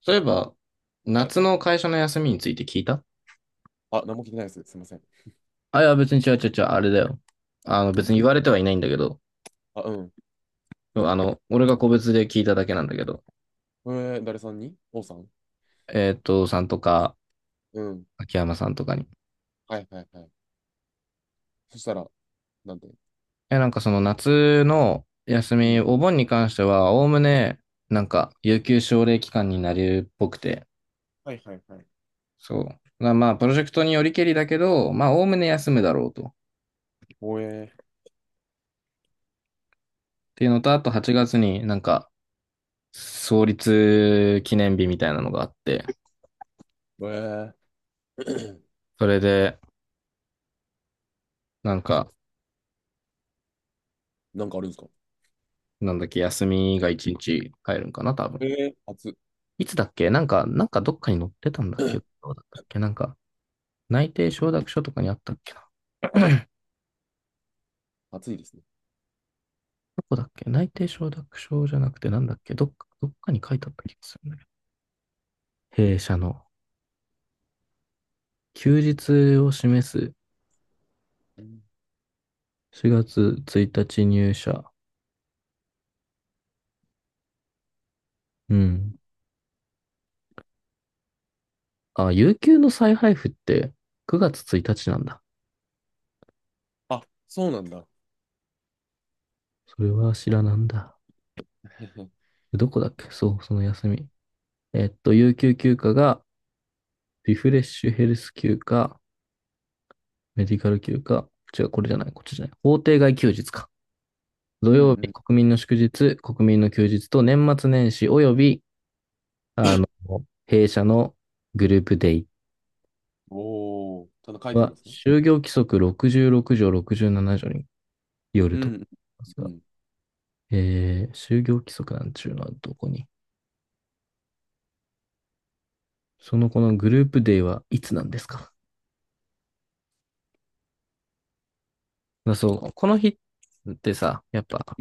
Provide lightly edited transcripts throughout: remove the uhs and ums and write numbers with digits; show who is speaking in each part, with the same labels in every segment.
Speaker 1: そういえば、
Speaker 2: はい。
Speaker 1: 夏の会社の休みについて聞いた。
Speaker 2: あ、何も聞いてないです。すいません。
Speaker 1: 別に違う、あれだよ。
Speaker 2: ん
Speaker 1: 別に言われてはいないんだけど、
Speaker 2: あ、うん。
Speaker 1: 俺が個別で聞いただけなんだけど、
Speaker 2: 誰さんに王さん。
Speaker 1: さんとか、
Speaker 2: うん。
Speaker 1: 秋山さんとかに。
Speaker 2: はいはいはい。そしたら、なんて。
Speaker 1: その夏の休
Speaker 2: う
Speaker 1: み、
Speaker 2: ん。
Speaker 1: お盆に関しては、おおむね、有給奨励期間になるっぽくて、
Speaker 2: はいはいはい。
Speaker 1: そう。まあプロジェクトによりけりだけど、まあ、おおむね休むだろうと。っ
Speaker 2: おえ
Speaker 1: ていうのと、あと8月に創立記念日みたいなのがあって、
Speaker 2: ー、えー、
Speaker 1: それで、なんか、
Speaker 2: なんかあるんですか？
Speaker 1: なんだっけ、休みが一日入るんかな、多
Speaker 2: え
Speaker 1: 分。
Speaker 2: ー、暑、
Speaker 1: いつだっけどっかに載ってたんだっけ。ど うだったっけ内定承諾書とかにあったっけな。
Speaker 2: 暑いですね。
Speaker 1: どこだっけ、内定承諾書じゃなくてなんだっけ、どっかに書いてあった気がするんだけど。弊社の休日を示す。
Speaker 2: うん。
Speaker 1: 4月1日入社。うん。あ、有給の再配布って9月1日なんだ。
Speaker 2: あ、そうなんだ。
Speaker 1: それは知らなんだ。どこだっけ、そう、その休み。えっと、有給休暇が、リフレッシュヘルス休暇、メディカル休暇、違う、これじゃない、こっちじゃない。法定外休日か。土
Speaker 2: うん
Speaker 1: 曜日、
Speaker 2: うん。
Speaker 1: 国民の祝日、国民の休日と年末年始および、あの、弊社のグループデイ
Speaker 2: おお、ただ書いてあるん
Speaker 1: は、
Speaker 2: ですね。
Speaker 1: 就業規則66条67条による
Speaker 2: う
Speaker 1: と
Speaker 2: んう
Speaker 1: か
Speaker 2: ん。
Speaker 1: です
Speaker 2: う
Speaker 1: が、
Speaker 2: ん。
Speaker 1: 就業規則なんちゅうのはどこに。そのこのグループデイはいつなんですか。だそう、この日ってさ、やっぱ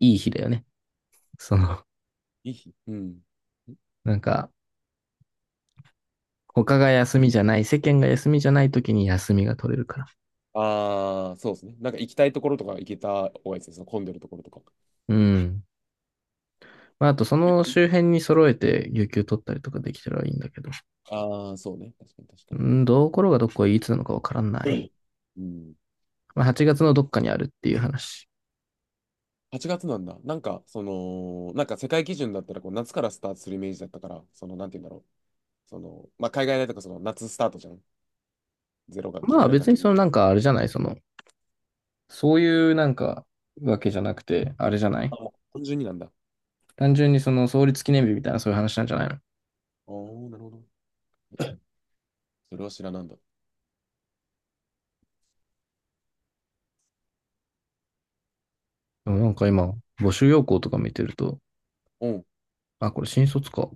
Speaker 1: いい日だよね。その、
Speaker 2: いい日。うん。
Speaker 1: なんか、他が休みじゃない、世間が休みじゃない時に休みが取れるから。
Speaker 2: ああ、そうですね。なんか行きたいところとか行けた方がいいですね。その混んでるところとか。
Speaker 1: うん。まあ、あとその周辺に揃えて有給取ったりとかできたらいいんだけど。
Speaker 2: ああ、そうね。確かに確か
Speaker 1: う
Speaker 2: に。
Speaker 1: ん、どうころがどこがいつなのかわからない。
Speaker 2: うん。うん。
Speaker 1: まあ、8月のどっかにあるっていう話。
Speaker 2: 8月なんだ。なんか、その、なんか世界基準だったら、こう、夏からスタートするイメージだったから、その、なんて言うんだろう。その、まあ、海外だとか、その、夏スタートじゃん。ゼロ学期、
Speaker 1: まあ
Speaker 2: 春学
Speaker 1: 別に
Speaker 2: 期。
Speaker 1: そのなんかあれじゃない、その、そういうなんかわけじゃなくて、あれじゃない、
Speaker 2: あ、もう、単純になんだ。
Speaker 1: 単純にその創立記念日みたいなそういう話なんじゃないの。
Speaker 2: あー、なるほど。それは知らなんだ。
Speaker 1: でも
Speaker 2: うん。
Speaker 1: 今、募集要項とか見てると、
Speaker 2: うん。
Speaker 1: あ、これ新卒か。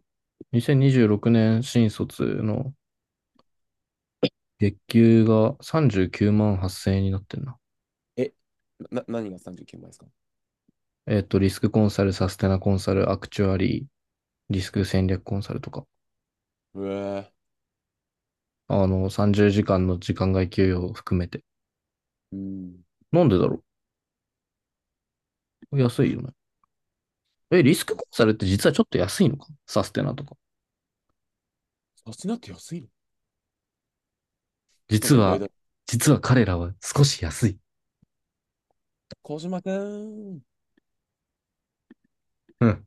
Speaker 1: 2026年新卒の月給が39万8000円になってんな。
Speaker 2: え、何が39万円ですか？
Speaker 1: えっと、リスクコンサル、サステナコンサル、アクチュアリー、リスク戦略コンサルとか、
Speaker 2: うえー、
Speaker 1: 30時間の時間外給与を含めて。
Speaker 2: うん。
Speaker 1: なんでだろう、安いよね。え、リスクコンサルって実はちょっと安いのか、サステナとか。
Speaker 2: サステナって安いの？なん
Speaker 1: 実
Speaker 2: か意外
Speaker 1: は、
Speaker 2: だ。
Speaker 1: 実は彼らは少し安い。
Speaker 2: 小島くん。
Speaker 1: うん。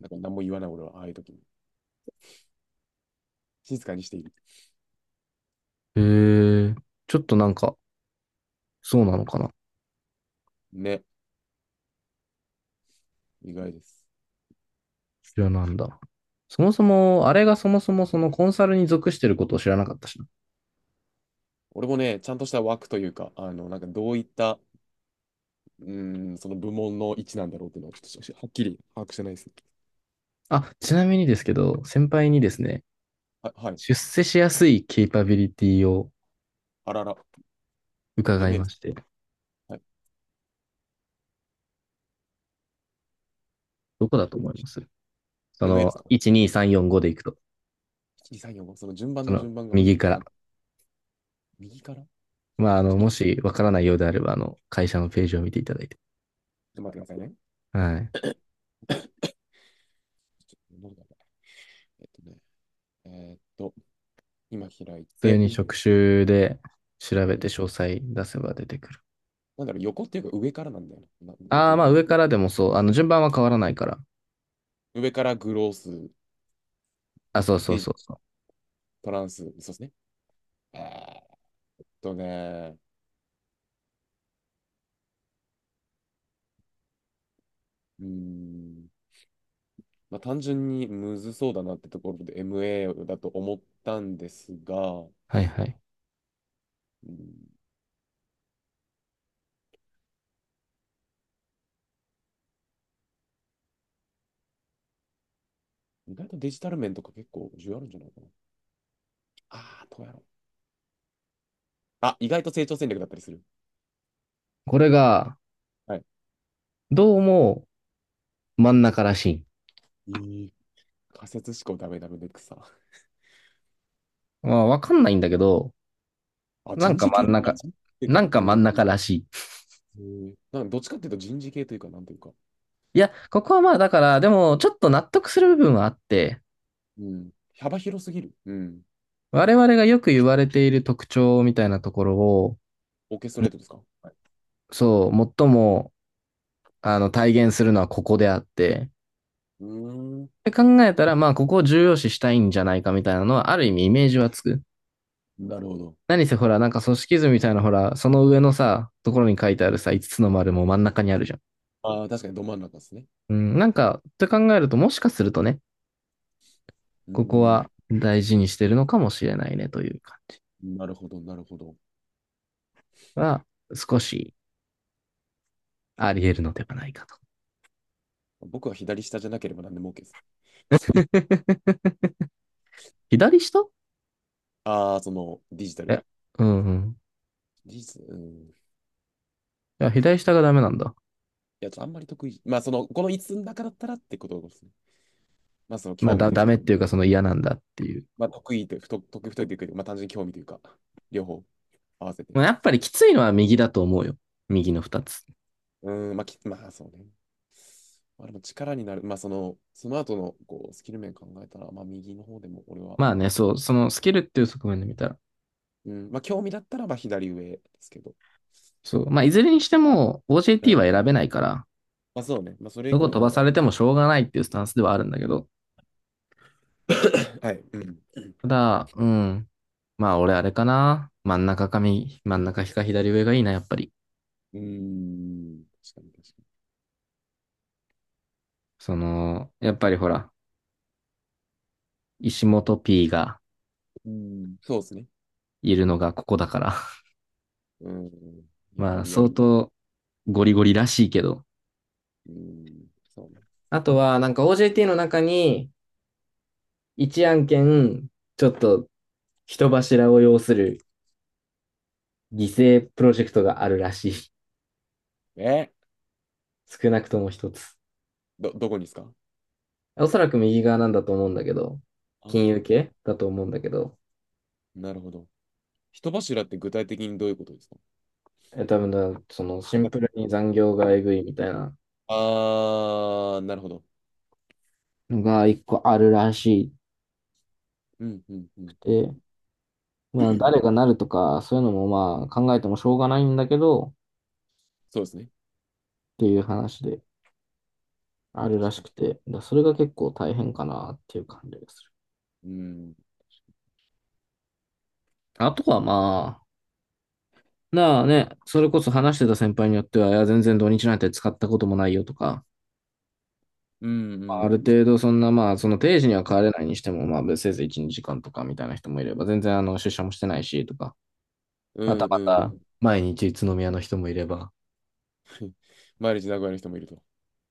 Speaker 2: なんか何も言わない俺は、ああいう時に静かにしている。
Speaker 1: へえ、ちょっとなんか、そうなのかな。
Speaker 2: ね、意外です。
Speaker 1: 知らなんだ。そもそも、あれがそもそもそのコンサルに属してることを知らなかったしな。
Speaker 2: 俺もね、ちゃんとした枠というか、あの、なんかどういったその部門の位置なんだろうっていうのはちょっとはっきり把握してないですね。
Speaker 1: あ、ちなみにですけど、先輩にですね、
Speaker 2: はい。
Speaker 1: 出世しやすいケイパビリティを
Speaker 2: あらら。
Speaker 1: 伺い
Speaker 2: MA で
Speaker 1: ま
Speaker 2: す。
Speaker 1: して、
Speaker 2: はい。
Speaker 1: どこだと思います？そ
Speaker 2: MA です
Speaker 1: の、
Speaker 2: か？
Speaker 1: 1、2、3、4、5でいくと、
Speaker 2: 1、2、3、4、5。その順番
Speaker 1: そ
Speaker 2: の
Speaker 1: の、
Speaker 2: 順番が
Speaker 1: 右か
Speaker 2: わか
Speaker 1: ら。
Speaker 2: んない。右からちょっ
Speaker 1: まあ、
Speaker 2: とい
Speaker 1: も
Speaker 2: ちょっ
Speaker 1: しわからないようであれば、会社のページを見ていただいて。
Speaker 2: と待ってくださいね。
Speaker 1: はい。
Speaker 2: ちょっとどうだろう。えーっと、今開い
Speaker 1: 普通
Speaker 2: て、
Speaker 1: に職種で調べて詳細出せば出てくる。
Speaker 2: なんだろう、横っていうか上からなんだよな。なこれ
Speaker 1: ああ、
Speaker 2: ど、
Speaker 1: まあ、
Speaker 2: ど、
Speaker 1: 上からでもそう。順番は変わらないから。
Speaker 2: 上からグロース、
Speaker 1: あ、そうそう
Speaker 2: で、
Speaker 1: そうそう。
Speaker 2: トランス、そうですね。えーっとね、うーん、まあ、単純にむずそうだなってところで MA だと思ったんですが、
Speaker 1: はいはい。
Speaker 2: うん、意外とデジタル面とか結構重要あるんじゃないかな。ああ、どうやろう。あ、意外と成長戦略だったりする。
Speaker 1: これが、
Speaker 2: はい。
Speaker 1: どうも真ん中らしい。
Speaker 2: いい仮説思考ダメダメで草。
Speaker 1: まあ、わかんないんだけど、
Speaker 2: あ、
Speaker 1: なんか真ん中、
Speaker 2: 人事っていう
Speaker 1: な
Speaker 2: か、
Speaker 1: んか真
Speaker 2: うん。
Speaker 1: ん中らしい。
Speaker 2: なんかどっちかっていうと人事系というか、なんていうか、
Speaker 1: いや、ここはまあだから、でもちょっと納得する部分はあって、
Speaker 2: うん。幅広すぎる。うん。
Speaker 1: 我々がよく言われている特徴みたいなところを、
Speaker 2: オーケストレートですか？はい。
Speaker 1: そう、最も、体現するのはここであって、
Speaker 2: うーん。
Speaker 1: で考えたら、まあ、ここを重要視したいんじゃないかみたいなのは、ある意味イメージはつく。
Speaker 2: なるほど。
Speaker 1: 何せほら、なんか組織図みたいなほら、その上のさ、ところに書いてあるさ、5つつの丸も真ん中にあるじゃん。
Speaker 2: ああ、確かにど真ん中ですね。
Speaker 1: うん、なんか、って考えると、もしかするとね、
Speaker 2: うー
Speaker 1: ここは
Speaker 2: ん。
Speaker 1: 大事にしてるのかもしれないねという感じ
Speaker 2: なるほど、なるほど。
Speaker 1: は、少しあり得るのではないかと。
Speaker 2: 僕は左下じゃなければ何でも OK です。
Speaker 1: 左下、
Speaker 2: ああ、その、デジタル。
Speaker 1: え、うんうん。
Speaker 2: うん。
Speaker 1: いや左下がダメなんだ。
Speaker 2: や、ちょっとあんまり得意。まあ、その、この5つつの中だったらってことですね。まあ、その
Speaker 1: まあ、
Speaker 2: 興味
Speaker 1: だ、
Speaker 2: という
Speaker 1: ダメ
Speaker 2: か、
Speaker 1: っていうかその嫌なんだっていう。
Speaker 2: まあ、得意と、得意不得意というか、まあ、単純に興味というか、両方合わせて。
Speaker 1: まあ、やっぱりきついのは右だと思うよ。右の二つ。
Speaker 2: うーん、まあ、まあ、そうね。まあ、でも力になる。まあ、その、その後の、こう、スキル面考えたら、まあ、右の方でも、俺は、
Speaker 1: まあね、そう、そのスキルっていう側面で見たら。
Speaker 2: うん、まあ、興味だったら、まあ、左上ですけど。
Speaker 1: そう。まあ、いずれにしても
Speaker 2: う
Speaker 1: OJT は
Speaker 2: ん。
Speaker 1: 選べないから、
Speaker 2: まあ、そうね。まあ、それ以
Speaker 1: どこ
Speaker 2: 降の
Speaker 1: 飛ば
Speaker 2: ま
Speaker 1: さ
Speaker 2: た、
Speaker 1: れてもしょうがないっていうスタンスではあるんだけど。
Speaker 2: はい。うん。
Speaker 1: ただ、うん。まあ、俺あれかな。真ん中か左上がいいな、やっぱり。
Speaker 2: うーん。確かに、確か
Speaker 1: その、やっぱりほら、石本 P が
Speaker 2: に。うん。そうですね。
Speaker 1: いるのがここだから。
Speaker 2: うん。やっ
Speaker 1: ま
Speaker 2: ぱ
Speaker 1: あ、
Speaker 2: りリア
Speaker 1: 相
Speaker 2: ル。
Speaker 1: 当ゴリゴリらしいけど。
Speaker 2: うん。そうね。
Speaker 1: あとは、なんか OJT の中に、一案件、ちょっと人柱を要する犠牲プロジェクトがあるらしい。
Speaker 2: えー
Speaker 1: 少なくとも一つ。
Speaker 2: どこにですか？
Speaker 1: おそらく右側なんだと思うんだけど、
Speaker 2: ああ
Speaker 1: 金融
Speaker 2: ー、
Speaker 1: 系だと思うんだけど、
Speaker 2: なるほど。人柱って具体的にどういうことですか？
Speaker 1: え多分だ、そのシ
Speaker 2: あ、
Speaker 1: ン
Speaker 2: だ
Speaker 1: プルに残業がえぐいみたいな
Speaker 2: あー、なるほど。
Speaker 1: のが一個あるらし
Speaker 2: うん、うん、う
Speaker 1: く
Speaker 2: ん、うん。
Speaker 1: て、
Speaker 2: うん。
Speaker 1: まあ誰がなるとか、そういうのもまあ考えてもしょうがないんだけど、っ
Speaker 2: そうですね。
Speaker 1: ていう話で。ある
Speaker 2: 確
Speaker 1: らし
Speaker 2: かに。
Speaker 1: くて、だそれが結構大変かなっていう感じがする。
Speaker 2: うん、
Speaker 1: あとはまあ、なあね、それこそ話してた先輩によっては、いや、全然土日なんて使ったこともないよとか、
Speaker 2: うん、う
Speaker 1: まああ
Speaker 2: ん、
Speaker 1: る程度そんなまあ、その定時には帰れないにしても、まあ、せいぜい1、2時間とかみたいな人もいれば、全然出社もしてないしとか、
Speaker 2: う
Speaker 1: また
Speaker 2: ん、
Speaker 1: ま
Speaker 2: うん。
Speaker 1: た、毎日宇都宮の人もいれば、
Speaker 2: 毎日名古屋の人もいると。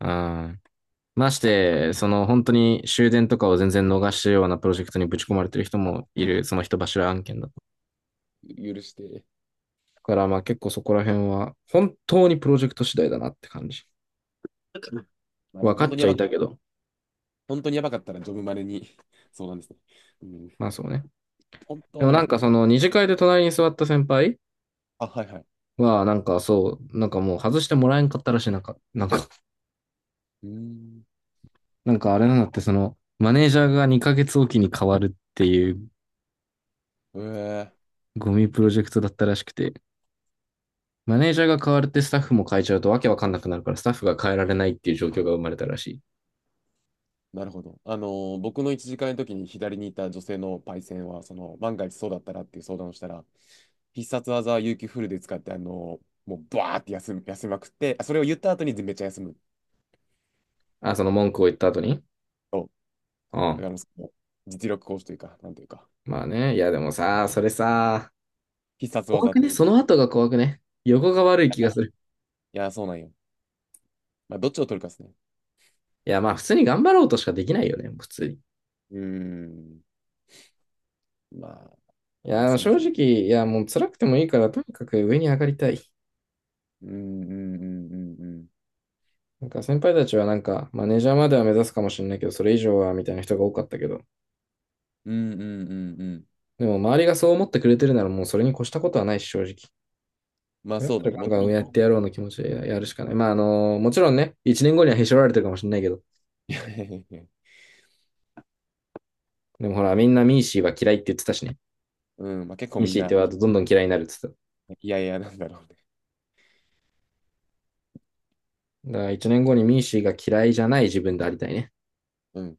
Speaker 1: うん。まして、その本当に終電とかを全然逃したようなプロジェクトにぶち込まれてる人もいる、その人柱案件だと。
Speaker 2: 許して。
Speaker 1: からまあ結構そこら辺は本当にプロジェクト次第だなって感じ。
Speaker 2: まあ、なん
Speaker 1: 分
Speaker 2: か
Speaker 1: かっちゃいたけど、
Speaker 2: 本当にやばかったらジョブマネに。 そうなんですね。うん、
Speaker 1: まあそうね。
Speaker 2: 本当
Speaker 1: で
Speaker 2: に
Speaker 1: も
Speaker 2: やば
Speaker 1: な
Speaker 2: か
Speaker 1: ん
Speaker 2: った
Speaker 1: かそ
Speaker 2: ら。
Speaker 1: の二次会で隣に座った先輩
Speaker 2: あ、はいはい。
Speaker 1: はなんかそう、なんかもう外してもらえんかったらしい。
Speaker 2: うーん。
Speaker 1: なんかあれなんだって、そのマネージャーが2ヶ月おきに変わるっていう
Speaker 2: ええ、
Speaker 1: ゴミプロジェクトだったらしくて、マネージャーが変わるってスタッフも変えちゃうとわけわかんなくなるから、スタッフが変えられないっていう状況が生まれたらしい。
Speaker 2: なるほど。僕の1時間の時に左にいた女性のパイセンは、その、万が一そうだったらっていう相談をしたら、必殺技は有給フルで使って、もうバーって休みまくって、あ、それを言った後にめっちゃ休む。
Speaker 1: あ、その文句を言った後に。
Speaker 2: そう。
Speaker 1: う
Speaker 2: だから
Speaker 1: ん。
Speaker 2: もうその実力行使というか、なんというか、
Speaker 1: まあね、いやでもさ、それさ、
Speaker 2: 必殺
Speaker 1: 怖
Speaker 2: 技っ
Speaker 1: く
Speaker 2: て言
Speaker 1: ね？
Speaker 2: って
Speaker 1: そ
Speaker 2: た。
Speaker 1: の後が怖くね？横が悪い気がする。
Speaker 2: いやー、そうなんよ。まあ、どっちを取るかですね。
Speaker 1: いや、まあ普通に頑張ろうとしかできないよね、普通に。い
Speaker 2: うーん。まあ、まあ、
Speaker 1: や、あ
Speaker 2: その
Speaker 1: 正
Speaker 2: 人。
Speaker 1: 直、いや、もう辛くてもいいから、とにかく上に上がりたい。
Speaker 2: うーん、うん、うん、うん、うん。
Speaker 1: なんか先輩たちはなんか、マネージャーまでは目指すかもしれないけど、それ以上はみたいな人が多かったけど、
Speaker 2: うん、うん、うん、うん。
Speaker 1: でも周りがそう思ってくれてるならもうそれに越したことはないし、正直。
Speaker 2: まあ、
Speaker 1: だっ
Speaker 2: そうだ
Speaker 1: たら
Speaker 2: ね。
Speaker 1: ガ
Speaker 2: も
Speaker 1: ン
Speaker 2: っと
Speaker 1: ガン
Speaker 2: も
Speaker 1: 上
Speaker 2: っ
Speaker 1: やっ
Speaker 2: と。
Speaker 1: てやろうの気持ちでやるしかない。まああのもちろんね、1年後にはへし折られてるかもしれないけど、
Speaker 2: いやいやいやいや。
Speaker 1: でもほら、みんなミーシーは嫌いって言ってたしね。
Speaker 2: うん、まあ、結構
Speaker 1: ミー
Speaker 2: みん
Speaker 1: シーって
Speaker 2: な、
Speaker 1: ワードどんどん嫌いになるって言ってた。
Speaker 2: いやいやなんだろうね。
Speaker 1: だから一年後にミーシーが嫌いじゃない自分でありたいね。
Speaker 2: うん。